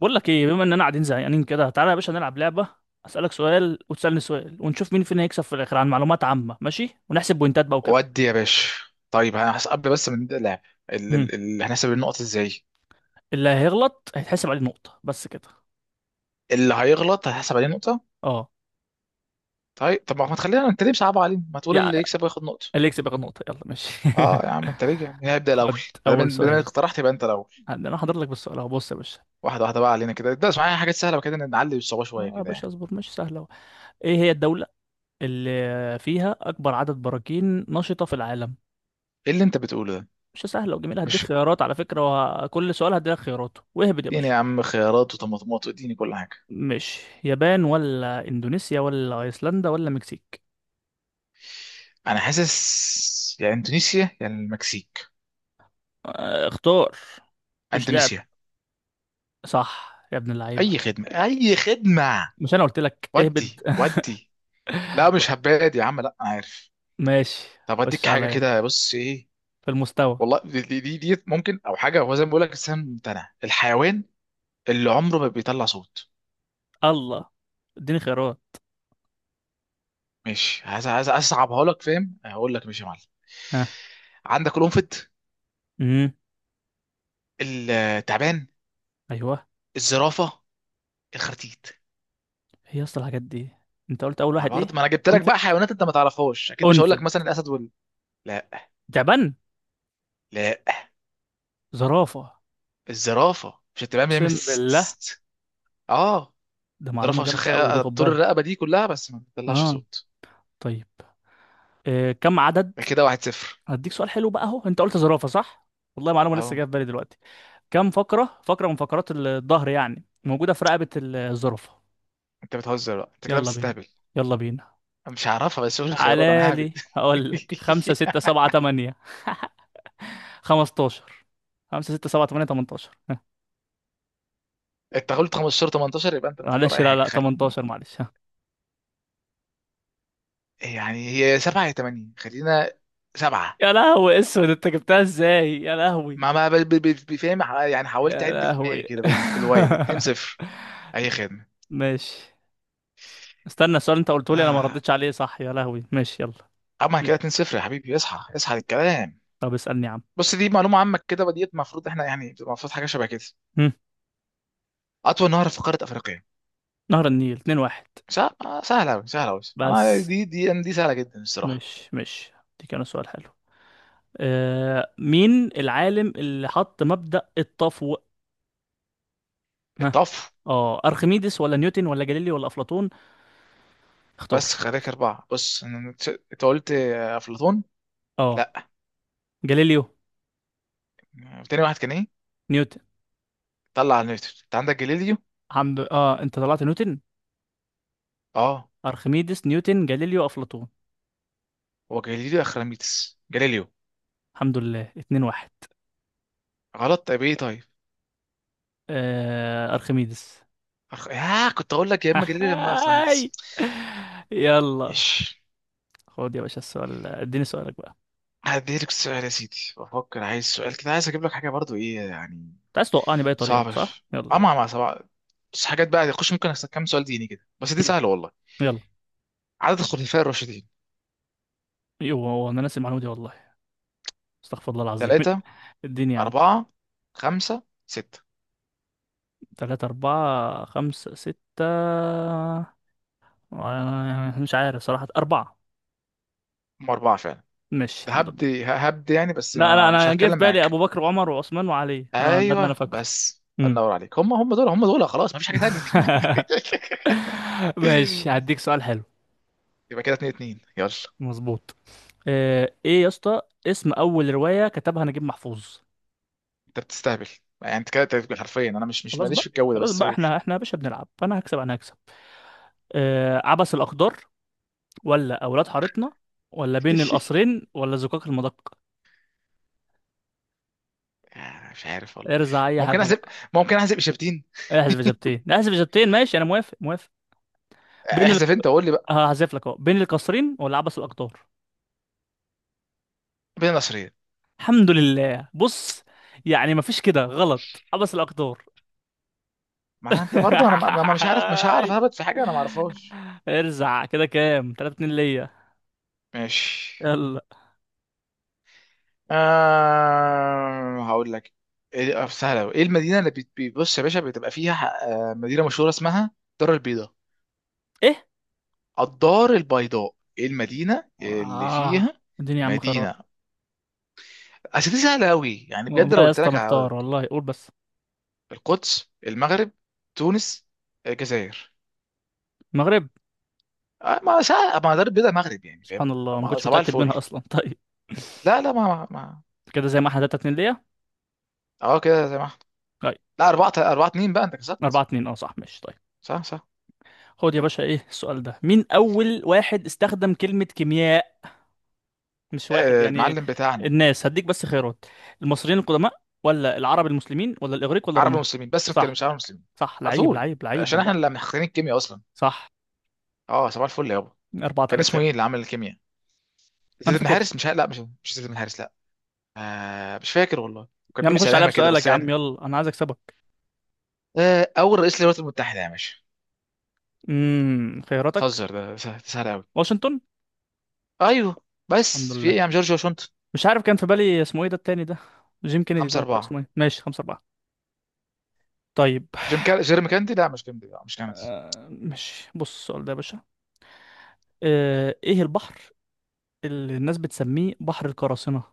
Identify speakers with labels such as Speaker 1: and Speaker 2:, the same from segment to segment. Speaker 1: بقول لك ايه، بما اننا قاعدين زهقانين كده، تعالى يا باشا نلعب لعبه. اسالك سؤال وتسالني سؤال، ونشوف مين فينا هيكسب في الاخر عن معلومات عامه. ماشي، ونحسب بوينتات بقى وكده.
Speaker 2: ودي يا باشا. طيب، هنحسب قبل بس ما نبدا اللعب.
Speaker 1: امم
Speaker 2: هنحسب النقط ازاي؟
Speaker 1: اللي هيغلط هيتحسب عليه نقطه بس كده.
Speaker 2: اللي هيغلط هيحسب عليه نقطه.
Speaker 1: اه.
Speaker 2: طيب طب ما تخلينا، انت ليه صعب علينا؟ ما تقول
Speaker 1: يا
Speaker 2: اللي يكسب وياخد نقطه.
Speaker 1: اللي يكسب ياخد نقطه، يلا ماشي.
Speaker 2: اه يا عم، انت ليه؟ مين هيبدا الاول؟
Speaker 1: خد.
Speaker 2: ما
Speaker 1: اول
Speaker 2: دام ما دام
Speaker 1: سؤال.
Speaker 2: إنك اقترحت يبقى انت الاول.
Speaker 1: انا حاضر لك بالسؤال اهو، بص يا باشا.
Speaker 2: واحده واحده بقى علينا كده، ده معايا حاجات سهله، وكده نعلي الصعوبه شويه
Speaker 1: اه يا
Speaker 2: كده
Speaker 1: باشا
Speaker 2: يعني.
Speaker 1: اصبر، ماشي سهله اهو. ايه هي الدوله اللي فيها اكبر عدد براكين نشطه في العالم؟
Speaker 2: ايه اللي انت بتقوله ده؟
Speaker 1: مش سهله وجميله؟ هديك
Speaker 2: مش...
Speaker 1: خيارات على فكره. وكل سؤال هديلك خياراته واهبد يا
Speaker 2: اديني
Speaker 1: باشا.
Speaker 2: يا عم خيارات وطماطمات واديني كل حاجه.
Speaker 1: مش يابان ولا اندونيسيا ولا ايسلندا ولا مكسيك؟
Speaker 2: انا حاسس يا اندونيسيا يا المكسيك.
Speaker 1: آه، اختار، مش لعب.
Speaker 2: اندونيسيا.
Speaker 1: صح يا ابن
Speaker 2: اي
Speaker 1: اللعيبه.
Speaker 2: خدمه، اي خدمه.
Speaker 1: مش انا قلت لك اهبد؟
Speaker 2: ودي. ودي. لا، مش هباد يا عم، لا عارف.
Speaker 1: ماشي.
Speaker 2: طب
Speaker 1: خش
Speaker 2: اديك حاجه
Speaker 1: عليا
Speaker 2: كده، بص ايه.
Speaker 1: في المستوى.
Speaker 2: والله دي ممكن، او حاجه، هو زي ما بقول لك، الانسان ممتنع، الحيوان اللي عمره ما بيطلع صوت.
Speaker 1: الله. اديني خيارات.
Speaker 2: ماشي. عايز اصعبها لك، فاهم؟ هقول لك ماشي يا معلم.
Speaker 1: ها.
Speaker 2: عندك القنفذ،
Speaker 1: امم.
Speaker 2: التعبان،
Speaker 1: ايوه.
Speaker 2: الزرافه، الخرتيت.
Speaker 1: هي اصل الحاجات دي. انت قلت اول
Speaker 2: مع
Speaker 1: واحد
Speaker 2: برضه،
Speaker 1: ايه؟
Speaker 2: ما انا جبت لك
Speaker 1: انفد.
Speaker 2: بقى حيوانات انت ما تعرفهاش اكيد، مش هقول لك
Speaker 1: انفد.
Speaker 2: مثلا الاسد وال... لا.
Speaker 1: تعبان.
Speaker 2: لا،
Speaker 1: زرافه.
Speaker 2: الزرافه، مش التعبان بيعمل
Speaker 1: اقسم بالله.
Speaker 2: اه.
Speaker 1: ده معلومه
Speaker 2: الزرافه،
Speaker 1: جامده قوي دي، خد
Speaker 2: طول
Speaker 1: بالك.
Speaker 2: الرقبه دي كلها بس ما بتطلعش
Speaker 1: اه.
Speaker 2: صوت.
Speaker 1: طيب. إيه كم عدد؟
Speaker 2: كده واحد صفر.
Speaker 1: هديك سؤال حلو بقى اهو. انت قلت زرافه، صح؟ والله معلومه لسه
Speaker 2: اهو.
Speaker 1: جايه في بالي دلوقتي. كام فقرة من فقرات الظهر يعني موجودة في رقبة الزرافة؟
Speaker 2: انت بتهزر بقى؟ انت كده
Speaker 1: يلا بينا،
Speaker 2: بتستهبل.
Speaker 1: يلا بينا.
Speaker 2: أنا مش هعرفها، بس شوف الخيارات
Speaker 1: تعالى
Speaker 2: انا ههبد.
Speaker 1: لي هقول لك: خمسة، ستة، سبعة، تمانية. 15. خمسة، ستة، سبعة، تمانية، 18، ها.
Speaker 2: انت قلت 15 18؟ يبقى انت بتختار
Speaker 1: معلش،
Speaker 2: اي
Speaker 1: لا
Speaker 2: حاجه،
Speaker 1: لا،
Speaker 2: خلي...
Speaker 1: 18، معلش، ها.
Speaker 2: يعني هي 7 يا 8، خلينا 7.
Speaker 1: يا لهوي اسود، انت جبتها ازاي؟ يا لهوي.
Speaker 2: ما بفهم، يعني حاولت
Speaker 1: يا
Speaker 2: اعد في
Speaker 1: لهوي.
Speaker 2: دماغي كده بالوايم 2-0. اي خدمه.
Speaker 1: ماشي. استنى، السؤال انت قلته لي انا ما
Speaker 2: آه،
Speaker 1: ردتش عليه، صح؟ يا لهوي، ماشي يلا.
Speaker 2: اما
Speaker 1: م.
Speaker 2: كده 2-0 يا حبيبي، اصحى اصحى للكلام.
Speaker 1: طب اسألني يا عم.
Speaker 2: بص، دي معلومه عامه كده، وديت المفروض احنا يعني بتبقى المفروض حاجه شبه كده.
Speaker 1: م.
Speaker 2: اطول نهر في قاره افريقيا؟
Speaker 1: نهر النيل، 2-1.
Speaker 2: سهله سهله أوي، سهله أوي. انا
Speaker 1: بس،
Speaker 2: دي سهله جدا الصراحه.
Speaker 1: مش دي كان سؤال حلو. آه، مين العالم اللي حط مبدأ التفوق؟ ها.
Speaker 2: الطف.
Speaker 1: اه، ارخميدس ولا نيوتن ولا جاليليو ولا افلاطون؟ اختار.
Speaker 2: بس خليك أربعة، بص أنت قلت أفلاطون.
Speaker 1: اه.
Speaker 2: لا.
Speaker 1: جاليليو.
Speaker 2: تاني واحد كان إيه؟
Speaker 1: نيوتن.
Speaker 2: طلع على نيوتن، أنت عندك جاليليو.
Speaker 1: الحمد لله. اه، انت طلعت نيوتن.
Speaker 2: أه.
Speaker 1: ارخميدس، نيوتن، جاليليو، افلاطون.
Speaker 2: هو جاليليو، أخراميتس، جاليليو.
Speaker 1: الحمد لله، 2-1.
Speaker 2: غلط. طيب إيه طيب؟
Speaker 1: آه، ارخميدس.
Speaker 2: أخ... آه كنت أقول لك يا إما جاليليو يا إما
Speaker 1: هاي.
Speaker 2: أخراميتس.
Speaker 1: يلا.
Speaker 2: ماشي،
Speaker 1: خد يا باشا السؤال، اديني سؤالك بقى.
Speaker 2: هديلك السؤال يا سيدي. بفكر، عايز سؤال كده، عايز أجيب لك حاجة برضو إيه يعني.
Speaker 1: انت عايز توقعني بأي طريقة،
Speaker 2: صعبة
Speaker 1: صح؟ يلا
Speaker 2: أه، مع
Speaker 1: يلا.
Speaker 2: مع صعبة. بس حاجات بقى، خش، ممكن أسألك كام سؤال ديني كده، بس دي سهلة والله.
Speaker 1: يلا.
Speaker 2: عدد الخلفاء الراشدين؟
Speaker 1: يوه، هو انا ناسي المعلومة دي والله. استغفر الله العظيم.
Speaker 2: ثلاثة؟
Speaker 1: اديني يا عم.
Speaker 2: أربعة؟ خمسة، ستة؟
Speaker 1: تلاتة، أربعة، خمسة، ستة. آه، مش عارف صراحة. أربعة.
Speaker 2: هم أربعة فعلا.
Speaker 1: مش، الحمد
Speaker 2: هبد
Speaker 1: لله.
Speaker 2: هبد يعني، بس
Speaker 1: لا لا،
Speaker 2: مش
Speaker 1: أنا جه في
Speaker 2: هتكلم
Speaker 1: بالي
Speaker 2: معاك.
Speaker 1: أبو بكر وعمر وعثمان وعلي، أنا- ده اللي أنا
Speaker 2: ايوه،
Speaker 1: فاكره.
Speaker 2: بس
Speaker 1: مم.
Speaker 2: النور عليك. هم دول، هم دول، خلاص مفيش حاجه تانية.
Speaker 1: ماشي. هديك سؤال حلو.
Speaker 2: يبقى كده اتنين اتنين، يلا.
Speaker 1: مظبوط. آه، إيه يا اسطى؟ اسم أول رواية كتبها نجيب محفوظ.
Speaker 2: انت بتستهبل. يعني انت كده، أنت بتقول حرفيا انا مش
Speaker 1: خلاص
Speaker 2: ماليش في
Speaker 1: بقى،
Speaker 2: الجو ده،
Speaker 1: خلاص
Speaker 2: بس
Speaker 1: بقى.
Speaker 2: قول.
Speaker 1: احنا يا باشا بنلعب، فأنا هكسب، أنا هكسب. آه، عبس الأقدار ولا أولاد حارتنا ولا بين القصرين ولا زقاق المدق؟
Speaker 2: مش عارف والله.
Speaker 1: ارزع أي
Speaker 2: ممكن
Speaker 1: حاجة.
Speaker 2: احسب ممكن احسب اجابتين.
Speaker 1: احذف اجابتين، احذف اجابتين. ماشي، انا موافق، موافق. بين ال...
Speaker 2: احذف انت وقول لي بقى.
Speaker 1: هحذف لك اهو: بين القصرين ولا عبس الاقدار.
Speaker 2: بين النصرين.
Speaker 1: الحمد لله، بص. يعني مفيش كده غلط، عبس الاقدار.
Speaker 2: ما انت برضه، انا مش عارف مش هعرف اهبط في حاجه انا ما اعرفهاش.
Speaker 1: ارزع كده، كام 3-2 ليا؟
Speaker 2: ماشي.
Speaker 1: يلا.
Speaker 2: هقول لك. سهله أوي. ايه المدينه اللي بيبص يا باشا بتبقى فيها مدينه مشهوره اسمها الدار البيضاء.
Speaker 1: ايه.
Speaker 2: الدار البيضاء، ايه المدينه اللي
Speaker 1: اه،
Speaker 2: فيها؟
Speaker 1: الدنيا يا عم خراب.
Speaker 2: مدينه. اصل دي سهله قوي يعني بجد،
Speaker 1: والله
Speaker 2: لو
Speaker 1: يا
Speaker 2: قلت
Speaker 1: اسطى
Speaker 2: لك هقول
Speaker 1: محتار،
Speaker 2: لك.
Speaker 1: والله قول بس.
Speaker 2: القدس، المغرب، تونس، الجزائر.
Speaker 1: المغرب.
Speaker 2: ما سهل، ما دار البيضاء مغرب يعني
Speaker 1: سبحان
Speaker 2: فاهم.
Speaker 1: الله، ما كنتش
Speaker 2: صباح
Speaker 1: متأكد
Speaker 2: الفل.
Speaker 1: منها اصلا. طيب.
Speaker 2: لا لا، ما.
Speaker 1: كده زي ما احنا 3-2 ليا.
Speaker 2: اه كده زي ما احنا.
Speaker 1: طيب.
Speaker 2: لا أربعة أربعة اتنين بقى انت
Speaker 1: 4
Speaker 2: كسبت.
Speaker 1: 2 اه صح، ماشي طيب.
Speaker 2: صح صح.
Speaker 1: خد يا باشا، ايه السؤال ده. مين اول واحد استخدم كلمة كيمياء؟ مش واحد يعني
Speaker 2: المعلم بتاعنا.
Speaker 1: الناس. هديك بس خيارات: المصريين القدماء ولا العرب المسلمين ولا الاغريق ولا
Speaker 2: عرب
Speaker 1: الرومان؟
Speaker 2: ومسلمين، بس ما
Speaker 1: صح.
Speaker 2: تكلمش عرب ومسلمين.
Speaker 1: صح،
Speaker 2: على
Speaker 1: لعيب،
Speaker 2: طول.
Speaker 1: لعيب، لعيب
Speaker 2: عشان احنا
Speaker 1: والله.
Speaker 2: اللي محققين الكيمياء اصلا.
Speaker 1: صح.
Speaker 2: اه صباح الفل يابا.
Speaker 1: أربعة
Speaker 2: كان
Speaker 1: تلاتة
Speaker 2: اسمه ايه
Speaker 1: يلا.
Speaker 2: اللي عمل الكيمياء؟
Speaker 1: انا
Speaker 2: زيد بن
Speaker 1: فاكر.
Speaker 2: حارس، مش ه- لا مش زيد بن حارس، لا. مش فاكر والله.
Speaker 1: يا
Speaker 2: كان
Speaker 1: عم
Speaker 2: بيبي
Speaker 1: خش عليا
Speaker 2: سمامه كده
Speaker 1: بسؤالك
Speaker 2: بس
Speaker 1: يا عم،
Speaker 2: يعني.
Speaker 1: يلا انا عايز اكسبك.
Speaker 2: اول رئيس للولايات المتحده يا باشا؟
Speaker 1: خياراتك.
Speaker 2: بتهزر؟ ده سهل سهل قوي.
Speaker 1: واشنطن.
Speaker 2: ايوه،
Speaker 1: الحمد
Speaker 2: بس في
Speaker 1: لله.
Speaker 2: ايه يا عم، جورج واشنطن.
Speaker 1: مش عارف كان في بالي اسمه ايه ده التاني ده، جيم كينيدي ده
Speaker 2: خمسة
Speaker 1: ولا اسمه
Speaker 2: أربعة.
Speaker 1: ايه. ماشي، 5-4. طيب.
Speaker 2: جيرمي كاندي، لا مش كاندي، لا مش كندي.
Speaker 1: آه، ماشي، بص السؤال ده يا باشا. آه، ايه البحر اللي الناس بتسميه بحر القراصنة؟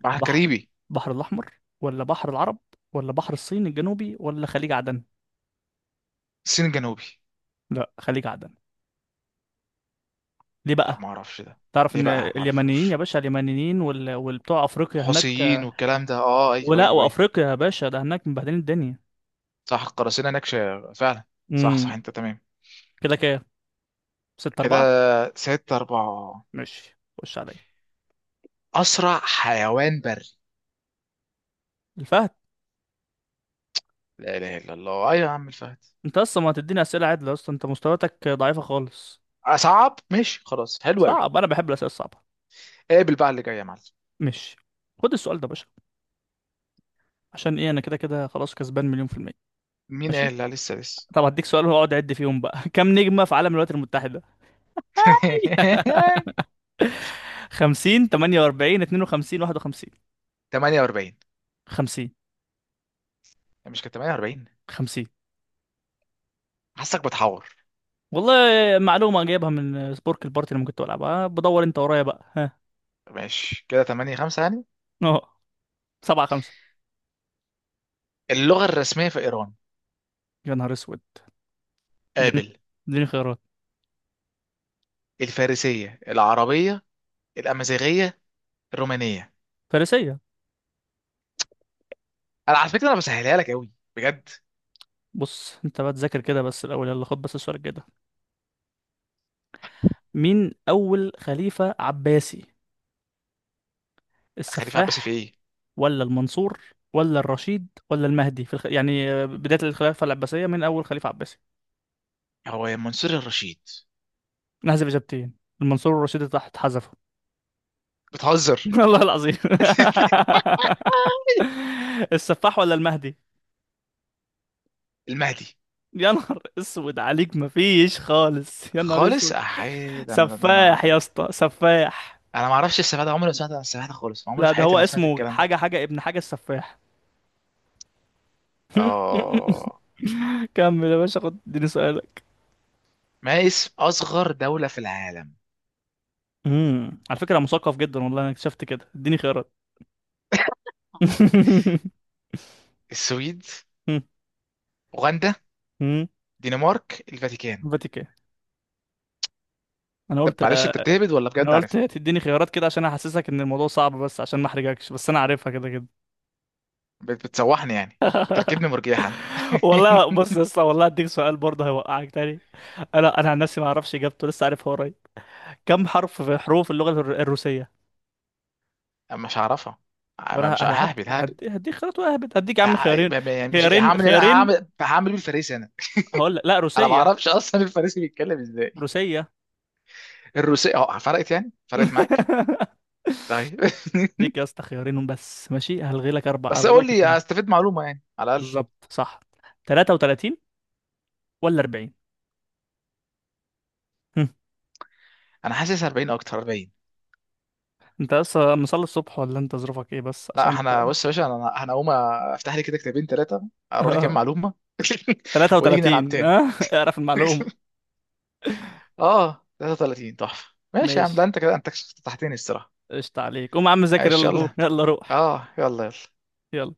Speaker 2: بحر
Speaker 1: البحر
Speaker 2: كاريبي.
Speaker 1: البحر الأحمر ولا بحر العرب ولا بحر الصين الجنوبي ولا خليج عدن؟
Speaker 2: الصين الجنوبي.
Speaker 1: لا، خليج عدن. ليه
Speaker 2: لا
Speaker 1: بقى؟
Speaker 2: ما اعرفش ده.
Speaker 1: تعرف
Speaker 2: ليه
Speaker 1: ان
Speaker 2: بقى؟ ما
Speaker 1: اليمنيين يا
Speaker 2: اعرفش.
Speaker 1: باشا، اليمنيين وال... والبتوع افريقيا هناك.
Speaker 2: حوثيين والكلام ده، اه، ايوه
Speaker 1: ولا
Speaker 2: ايوه ايوه.
Speaker 1: وافريقيا يا باشا، ده هناك مبهدلين الدنيا.
Speaker 2: صح، القراصنة نكشة فعلا. صح صح،
Speaker 1: امم.
Speaker 2: انت تمام.
Speaker 1: كده كده. 6
Speaker 2: كده
Speaker 1: 4
Speaker 2: ستة أربعة.
Speaker 1: ماشي، خش عليا.
Speaker 2: أسرع حيوان بري؟
Speaker 1: الفهد.
Speaker 2: لا إله إلا الله، أيوة يا عم، الفهد.
Speaker 1: انت اصلا ما هتديني اسئله عدله يا اسطى، انت مستوياتك ضعيفه خالص.
Speaker 2: صعب. ماشي خلاص، حلو أوي.
Speaker 1: صعب، انا بحب الاسئله الصعبه.
Speaker 2: قابل بقى اللي جاي يا معلم.
Speaker 1: ماشي. خد السؤال ده يا باشا. عشان ايه؟ انا كده كده خلاص كسبان مليون في المية.
Speaker 2: مين
Speaker 1: ماشي.
Speaker 2: قال؟ لا، لسه لسه.
Speaker 1: طب هديك سؤال واقعد عد فيهم بقى. كم نجمة في علم الولايات المتحدة؟ 50، 48، 52، 51.
Speaker 2: 48.
Speaker 1: 50.
Speaker 2: مش كانت 48؟
Speaker 1: 50.
Speaker 2: حاسك بتحور.
Speaker 1: والله معلومة جايبها من سبورك البارتي اللي كنت بلعبها. آه، بدور انت ورايا بقى، ها.
Speaker 2: ماشي كده 8-5 يعني.
Speaker 1: اه. 7-5.
Speaker 2: اللغة الرسمية في إيران؟
Speaker 1: يا نهار اسود. اديني
Speaker 2: قابل.
Speaker 1: اديني خيارات.
Speaker 2: الفارسية، العربية، الأمازيغية، الرومانية.
Speaker 1: فارسية.
Speaker 2: أنا على فكرة، أنا بسهلها لك أوي. بجد.
Speaker 1: بص انت بقى تذاكر كده بس الاول، يلا خد بس السؤال كده. مين اول خليفة عباسي؟
Speaker 2: خليفة عباسي، في
Speaker 1: السفاح
Speaker 2: إيه؟
Speaker 1: ولا المنصور ولا الرشيد ولا المهدي؟ في الخ... يعني آه، بداية الخلافة العباسية من أول خليفة عباسي.
Speaker 2: هو يا منصور، الرشيد.
Speaker 1: نحذف إجابتين. المنصور والرشيد تحت، حذفوا.
Speaker 2: بتهزر.
Speaker 1: والله العظيم. السفاح ولا المهدي؟
Speaker 2: المهدي.
Speaker 1: يا نهار اسود عليك، مفيش خالص، يا نهار
Speaker 2: خالص
Speaker 1: اسود.
Speaker 2: احيد، انا ده انا
Speaker 1: سفاح
Speaker 2: ده
Speaker 1: يا
Speaker 2: انا.
Speaker 1: اسطى، سفاح.
Speaker 2: انا ما اعرفش السبعة ده. عمري ما سمعت عن السبعة ده خالص، عمري
Speaker 1: لا،
Speaker 2: في
Speaker 1: ده
Speaker 2: حياتي
Speaker 1: هو
Speaker 2: ما سمعت
Speaker 1: اسمه
Speaker 2: الكلام ده.
Speaker 1: حاجة حاجة ابن حاجة السفاح.
Speaker 2: اه.
Speaker 1: كمل يا باشا، خد اديني سؤالك.
Speaker 2: ما اسم اصغر دولة في العالم؟
Speaker 1: على فكرة مثقف جدا والله، انا اكتشفت كده. اديني خيارات.
Speaker 2: السويد، اوغندا،
Speaker 1: امم
Speaker 2: دنمارك، الفاتيكان.
Speaker 1: فاتيكان. انا
Speaker 2: طب
Speaker 1: قلت
Speaker 2: معلش، انت بتهبد ولا
Speaker 1: انا
Speaker 2: بجد
Speaker 1: قلت
Speaker 2: عارفها؟
Speaker 1: تديني خيارات كده عشان احسسك ان الموضوع صعب، بس عشان ما احرجكش، بس انا عارفها كده كده.
Speaker 2: بتسوحني يعني، بتركبني مرجيحة.
Speaker 1: والله بص يا اسطى، والله هديك سؤال برضه هيوقعك تاني. انا عن نفسي ما اعرفش اجابته، لسه عارفها قريب. كم حرف في حروف اللغه الروسيه؟
Speaker 2: أما مش هعرفها.
Speaker 1: طب
Speaker 2: أما
Speaker 1: انا،
Speaker 2: مش ههبد ههبد.
Speaker 1: هديك خيارات واهبد، هديك يا عم خيارين.
Speaker 2: يعني مش
Speaker 1: خيارين،
Speaker 2: هعمل، انا
Speaker 1: خيارين.
Speaker 2: هعمل بيه الفريسي انا.
Speaker 1: هقول لك لا،
Speaker 2: انا ما
Speaker 1: روسيه.
Speaker 2: اعرفش اصلا الفريسي بيتكلم ازاي.
Speaker 1: روسيه.
Speaker 2: الروسية. اه، فرقت يعني فرقت معاك. طيب.
Speaker 1: ديك يا اسطى خيارين بس ماشي، هلغي لك اربع،
Speaker 2: بس
Speaker 1: هلغي
Speaker 2: اقول
Speaker 1: لك
Speaker 2: لي،
Speaker 1: اتنين.
Speaker 2: هستفيد معلومة يعني على الاقل.
Speaker 1: بالظبط، صح. 33 ولا 40؟
Speaker 2: انا حاسس 40، اكتر 40.
Speaker 1: انت لسه مصلي الصبح ولا انت ظروفك ايه بس
Speaker 2: لا
Speaker 1: عشان
Speaker 2: احنا
Speaker 1: انت؟
Speaker 2: بص يا باشا، انا هقوم افتح لي كده كتابين ثلاثة، اقرا لي كام
Speaker 1: اه،
Speaker 2: معلومة. ونيجي نلعب
Speaker 1: 33.
Speaker 2: تاني.
Speaker 1: اه. اعرف المعلومة.
Speaker 2: اه 33 تحفة. ماشي يا عم، ده
Speaker 1: ماشي،
Speaker 2: انت كده انت فتحتني الصراحة.
Speaker 1: قشطة عليك، قوم يا عم ذاكر،
Speaker 2: ماشي
Speaker 1: يلا قوم،
Speaker 2: يلا.
Speaker 1: يلا روح.
Speaker 2: اه يلا يلا.
Speaker 1: يلا.